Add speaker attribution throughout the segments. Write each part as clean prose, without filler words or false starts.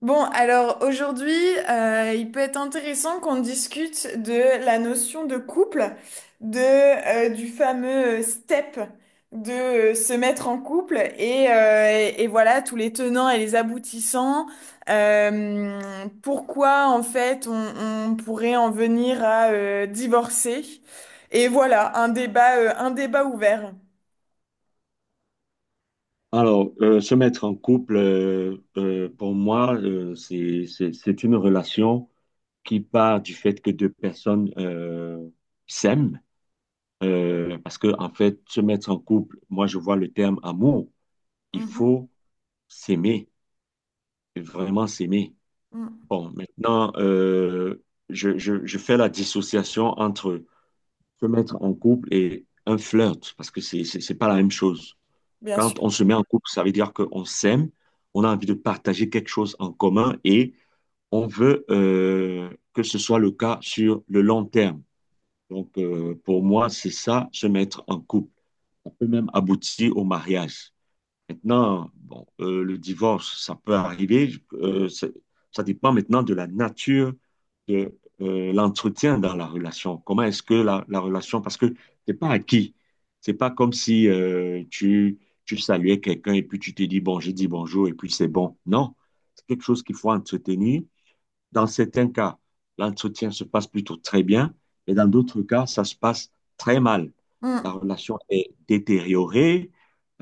Speaker 1: Bon, alors aujourd'hui, il peut être intéressant qu'on discute de la notion de couple, du fameux step, de se mettre en couple et voilà tous les tenants et les aboutissants. Euh, Pourquoi en fait on pourrait en venir à divorcer. Et voilà, un débat ouvert.
Speaker 2: Alors, se mettre en couple, pour moi, c'est une relation qui part du fait que deux personnes s'aiment. Parce que, en fait, se mettre en couple, moi, je vois le terme amour. Il
Speaker 1: Mhm.
Speaker 2: faut s'aimer, vraiment s'aimer.
Speaker 1: Mhm,
Speaker 2: Bon, maintenant, je fais la dissociation entre se mettre en couple et un flirt, parce que c'est pas la même chose.
Speaker 1: bien
Speaker 2: Quand
Speaker 1: sûr.
Speaker 2: on se met en couple, ça veut dire qu'on s'aime, on a envie de partager quelque chose en commun et on veut que ce soit le cas sur le long terme. Donc, pour moi, c'est ça, se mettre en couple. On peut même aboutir au mariage. Maintenant, bon, le divorce, ça peut arriver. Ça dépend maintenant de la nature de l'entretien dans la relation. Comment est-ce que la relation, parce que c'est pas acquis. C'est pas comme si tu saluais quelqu'un et puis tu te dis bon, j'ai dit bonjour et puis c'est bon. Non, c'est quelque chose qu'il faut entretenir. Dans certains cas, l'entretien se passe plutôt très bien, mais dans d'autres cas, ça se passe très mal. La
Speaker 1: Mm.
Speaker 2: relation est détériorée,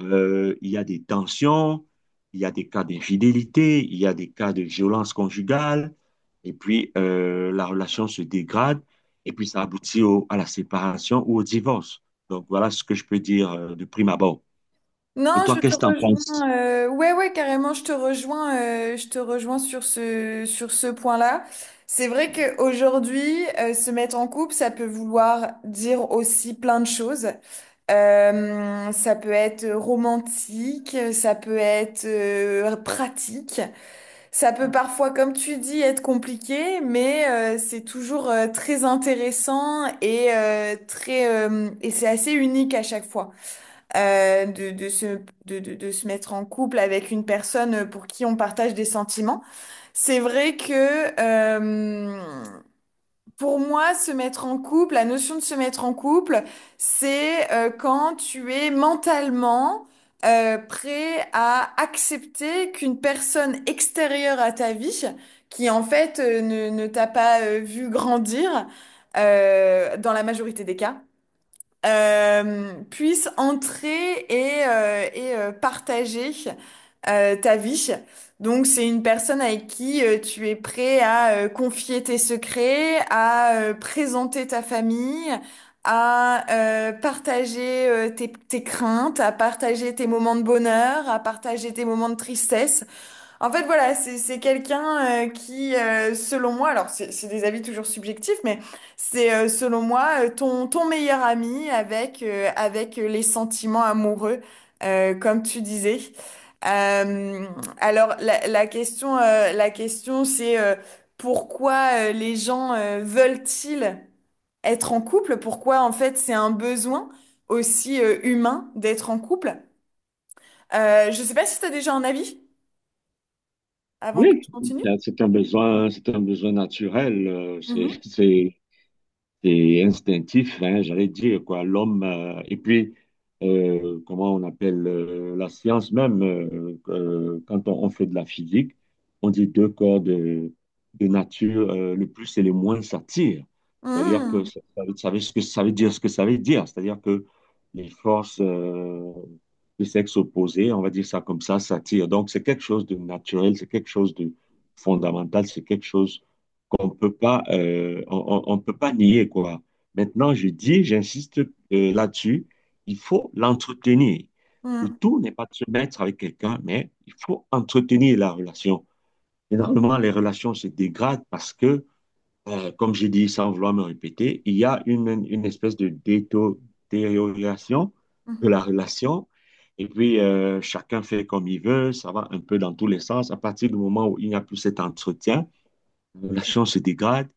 Speaker 2: il y a des tensions, il y a des cas d'infidélité, il y a des cas de violence conjugale, et puis la relation se dégrade, et puis ça à la séparation ou au divorce. Donc voilà ce que je peux dire de prime abord. Et
Speaker 1: Non,
Speaker 2: toi,
Speaker 1: je
Speaker 2: qu'est-ce
Speaker 1: te
Speaker 2: que tu en penses?
Speaker 1: rejoins. Ouais, ouais, carrément, je te rejoins. Je te rejoins sur ce point-là. C'est vrai qu'aujourd'hui, se mettre en couple, ça peut vouloir dire aussi plein de choses. Ça peut être romantique, ça peut être pratique, ça peut parfois, comme tu dis, être compliqué, mais c'est toujours très intéressant et très et c'est assez unique à chaque fois euh, de, de se, de se mettre en couple avec une personne pour qui on partage des sentiments. C'est vrai que pour moi, se mettre en couple, la notion de se mettre en couple, c'est quand tu es mentalement prêt à accepter qu'une personne extérieure à ta vie, qui en fait ne t'a pas vu grandir, dans la majorité des cas, puisse entrer et partager ta vie. Donc, c'est une personne avec qui tu es prêt à confier tes secrets, à présenter ta famille, à partager tes craintes, à partager tes moments de bonheur, à partager tes moments de tristesse. En fait, voilà, c'est quelqu'un qui, selon moi, alors c'est des avis toujours subjectifs, mais c'est selon moi ton meilleur ami avec avec les sentiments amoureux, comme tu disais. Euh, alors la question c'est pourquoi les gens veulent-ils être en couple? Pourquoi en fait c'est un besoin aussi humain d'être en couple? Je sais pas si tu as déjà un avis avant que
Speaker 2: Oui,
Speaker 1: je continue.
Speaker 2: c'est un besoin, c'est un besoin naturel.
Speaker 1: Mhm.
Speaker 2: C'est instinctif, hein, j'allais dire, quoi. L'homme, et puis, comment on appelle la science même, quand on fait de la physique, on dit deux corps de nature, le plus et le moins s'attirent. C'est-à-dire que
Speaker 1: Mhm,
Speaker 2: ça, ça veut- ce que ça veut dire, ce que ça veut dire. C'est-à-dire que les forces de sexe opposé, on va dire ça comme ça, s'attirent. Donc, c'est quelque chose de naturel, c'est quelque chose de fondamental, c'est quelque chose on peut pas, on peut pas nier, quoi. Maintenant, je dis, j'insiste là-dessus, il faut l'entretenir. Le
Speaker 1: mhm,
Speaker 2: tout n'est pas de se mettre avec quelqu'un, mais il faut entretenir la relation. Généralement, les relations se dégradent parce que, comme je dis sans vouloir me répéter, il y a une espèce de détérioration de
Speaker 1: mhm,
Speaker 2: la relation. Et puis, chacun fait comme il veut, ça va un peu dans tous les sens. À partir du moment où il n'y a plus cet entretien, la relation se dégrade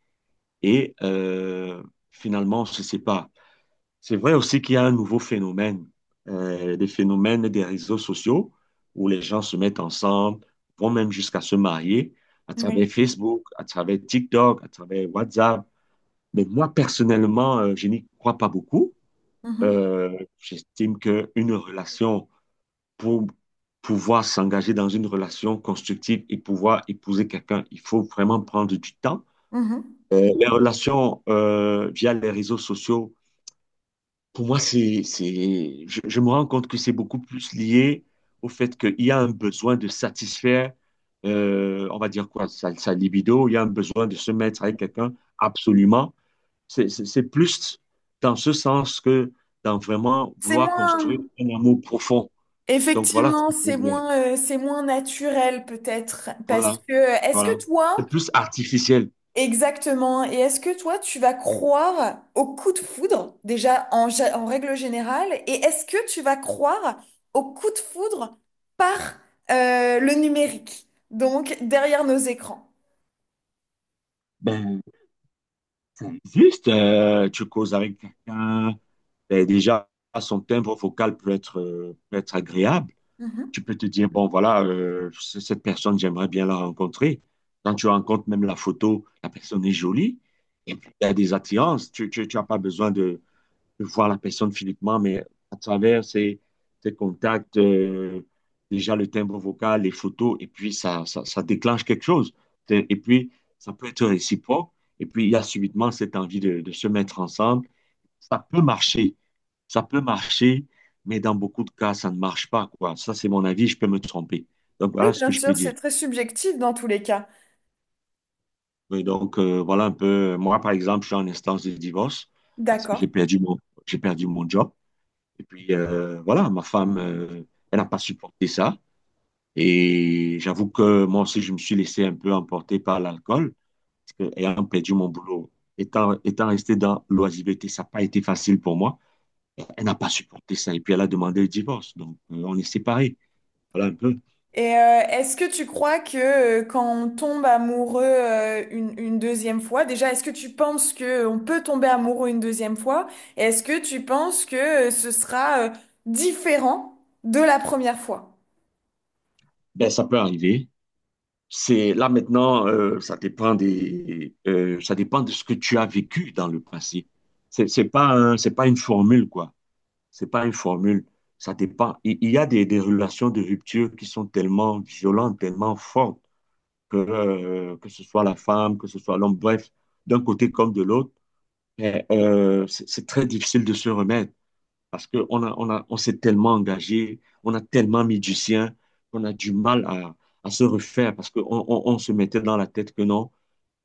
Speaker 2: et finalement, on se sépare. C'est vrai aussi qu'il y a un nouveau phénomène, des phénomènes des réseaux sociaux où les gens se mettent ensemble, vont même jusqu'à se marier à
Speaker 1: oui,
Speaker 2: travers Facebook, à travers TikTok, à travers WhatsApp. Mais moi, personnellement, je n'y crois pas beaucoup.
Speaker 1: mhm,
Speaker 2: J'estime qu'une relation, pour pouvoir s'engager dans une relation constructive et pouvoir épouser quelqu'un, il faut vraiment prendre du temps.
Speaker 1: mhm.
Speaker 2: Les relations via les réseaux sociaux, pour moi, je me rends compte que c'est beaucoup plus lié au fait qu'il y a un besoin de satisfaire, on va dire quoi, sa libido, il y a un besoin de se mettre avec quelqu'un, absolument. C'est plus dans ce sens que dans vraiment
Speaker 1: C'est
Speaker 2: vouloir construire
Speaker 1: moins,
Speaker 2: un amour profond. Donc voilà ce
Speaker 1: effectivement,
Speaker 2: que je veux dire.
Speaker 1: c'est moins naturel peut-être, parce
Speaker 2: Voilà,
Speaker 1: que est-ce
Speaker 2: voilà.
Speaker 1: que
Speaker 2: C'est
Speaker 1: toi,
Speaker 2: plus artificiel.
Speaker 1: exactement, et est-ce que toi, tu vas croire au coup de foudre, déjà en, gé- en règle générale, et est-ce que tu vas croire au coup de foudre par le numérique, donc derrière nos écrans?
Speaker 2: Ben, c'est juste, tu causes avec quelqu'un. Ben, déjà, son timbre vocal peut être agréable.
Speaker 1: Mhm.
Speaker 2: Tu peux te dire, bon, voilà, cette personne, j'aimerais bien la rencontrer. Quand tu rencontres même la photo, la personne est jolie. Et puis, il y a des attirances. Tu n'as pas besoin de voir la personne physiquement, mais à travers ces contacts, déjà le timbre vocal, les photos, et puis ça déclenche quelque chose. Et puis, ça peut être réciproque. Et puis, il y a subitement cette envie de se mettre ensemble ça peut marcher. Ça peut marcher, mais dans beaucoup de cas, ça ne marche pas, quoi. Ça, c'est mon avis, je peux me tromper. Donc,
Speaker 1: Oui,
Speaker 2: voilà ce que
Speaker 1: bien
Speaker 2: je peux
Speaker 1: sûr,
Speaker 2: dire.
Speaker 1: c'est très subjectif dans tous les cas.
Speaker 2: Et donc, voilà un peu. Moi, par exemple, je suis en instance de divorce parce que
Speaker 1: D'accord.
Speaker 2: j'ai perdu mon job. Et puis, voilà, ma femme, elle n'a pas supporté ça. Et j'avoue que moi aussi, je me suis laissé un peu emporter par l'alcool parce que, ayant perdu mon boulot, étant resté dans l'oisiveté, ça n'a pas été facile pour moi. Elle n'a pas supporté ça. Et puis, elle a demandé le divorce. Donc, on est séparés. Voilà un peu.
Speaker 1: Et est-ce que tu crois que quand on tombe amoureux une deuxième fois, déjà, est-ce que tu penses que on peut tomber amoureux une deuxième fois? Et est-ce que tu penses que ce sera différent de la première fois?
Speaker 2: Ben, ça peut arriver. C'est là maintenant, ça dépend de ce que tu as vécu dans le passé. C'est pas une formule quoi. C'est pas une formule. Ça dépend. Il y a des relations de rupture qui sont tellement violentes, tellement fortes que ce soit la femme, que ce soit l'homme, bref, d'un côté comme de l'autre, c'est très difficile de se remettre. Parce qu'on s'est tellement engagé, on a tellement mis du sien, qu'on a du mal à se refaire parce qu'se mettait dans la tête que non,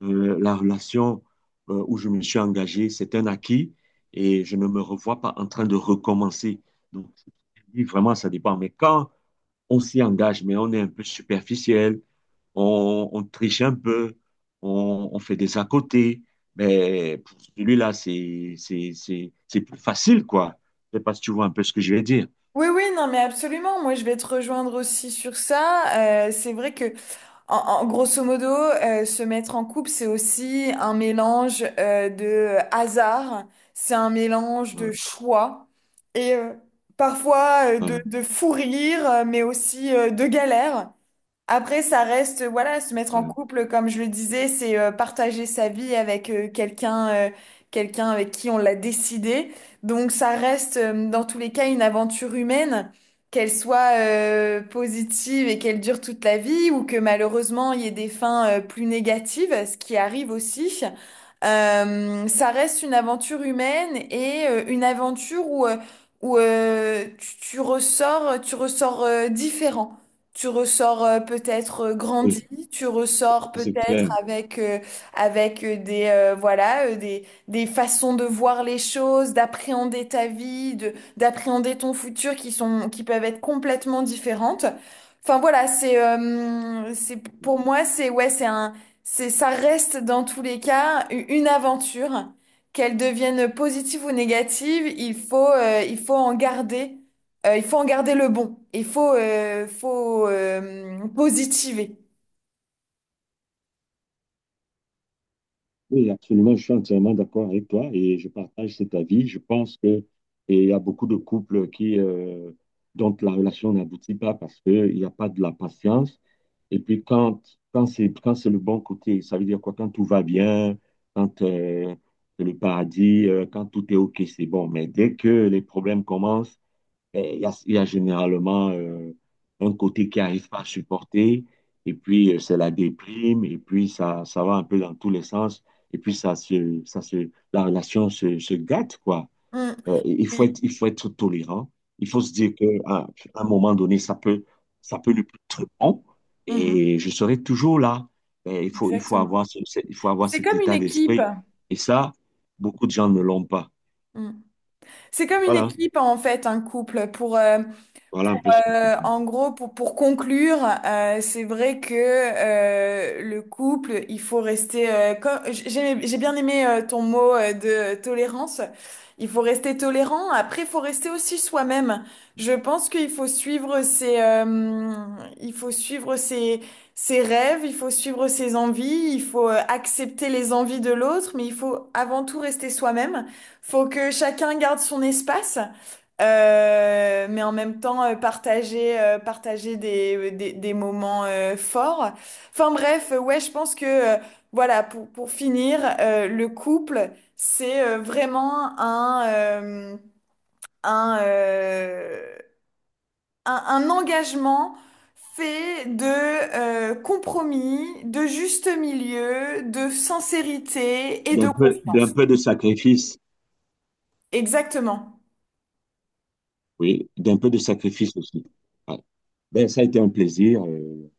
Speaker 2: la relation où je me suis engagé, c'est un acquis et je ne me revois pas en train de recommencer. Donc, oui, vraiment, ça dépend. Mais quand on s'y engage, mais on est un peu superficiel, on triche un peu, on fait des à côté, mais pour celui-là, c'est plus facile, quoi. Je sais pas si tu vois un peu ce que je vais dire.
Speaker 1: Oui, oui, non, mais absolument. Moi, je vais te rejoindre aussi sur ça. C'est vrai que, en, en- grosso modo, se mettre en couple, c'est aussi un mélange de hasard, c'est un mélange de
Speaker 2: Voilà,
Speaker 1: choix et parfois
Speaker 2: voilà,
Speaker 1: de fou rire, mais aussi de galère. Après, ça reste, voilà, se mettre en
Speaker 2: voilà.
Speaker 1: couple, comme je le disais, c'est partager sa vie avec quelqu'un, quelqu'un avec qui on l'a décidé. Donc, ça reste, dans tous les cas, une aventure humaine, qu'elle soit positive et qu'elle dure toute la vie, ou que malheureusement, il y ait des fins plus négatives, ce qui arrive aussi. Ça reste une aventure humaine et une aventure où, tu, tu ressors différent. Tu ressors peut-être grandi,
Speaker 2: Oui,
Speaker 1: tu ressors
Speaker 2: ça, c'est
Speaker 1: peut-être
Speaker 2: clair.
Speaker 1: avec, avec voilà, des façons de voir les choses, d'appréhender ta vie, d'appréhender ton futur qui sont, qui peuvent être complètement différentes. Enfin voilà, c'est, pour moi, c'est, ouais, c'est un, c'est, ça reste dans tous les cas u- une aventure. Qu'elle devienne positive ou négative, il faut en garder il faut en garder le bon. Il faut, positiver.
Speaker 2: Oui, absolument, je suis entièrement d'accord avec toi et je partage cet avis. Je pense que et il y a beaucoup de couples qui dont la relation n'aboutit pas parce qu'il n'y a pas de la patience. Et puis quand c'est le bon côté, ça veut dire quoi? Quand tout va bien, quand c'est le paradis, quand tout est OK, c'est bon. Mais dès que les problèmes commencent, eh, il y a généralement un côté qui n'arrive pas à supporter, et puis c'est la déprime, et puis ça va un peu dans tous les sens, et puis la relation se gâte, quoi.
Speaker 1: Mm.
Speaker 2: Et
Speaker 1: Oui.
Speaker 2: il faut être tolérant. Il faut se dire qu'à un moment donné, ça peut ne plus être bon,
Speaker 1: Mhm.
Speaker 2: et je serai toujours là. Mais il faut
Speaker 1: Exactement.
Speaker 2: avoir il faut avoir
Speaker 1: C'est
Speaker 2: cet
Speaker 1: comme une
Speaker 2: état
Speaker 1: équipe.
Speaker 2: d'esprit. Et ça, beaucoup de gens ne l'ont pas.
Speaker 1: Mm. C'est comme une
Speaker 2: Voilà,
Speaker 1: équipe en fait, un couple. Pour,
Speaker 2: voilà un peu,
Speaker 1: euh, en gros, pour conclure, c'est vrai que le couple, il faut rester... comme, j'ai bien aimé ton mot de tolérance. Il faut rester tolérant. Après, il faut rester aussi soi-même. Je pense qu'il faut suivre ses, il faut suivre ses, ses rêves, il faut suivre ses envies, il faut accepter les envies de l'autre, mais il faut avant tout rester soi-même. Faut que chacun garde son espace. Mais en même temps partager partager des, des moments forts. Enfin bref, ouais, je pense que voilà, pour finir, le couple, c'est vraiment un, euh, un engagement fait de compromis, de juste milieu, de sincérité et de
Speaker 2: d'un
Speaker 1: confiance.
Speaker 2: peu de sacrifice.
Speaker 1: Exactement.
Speaker 2: Oui, d'un peu de sacrifice aussi. Ouais. Ben, ça a été un plaisir.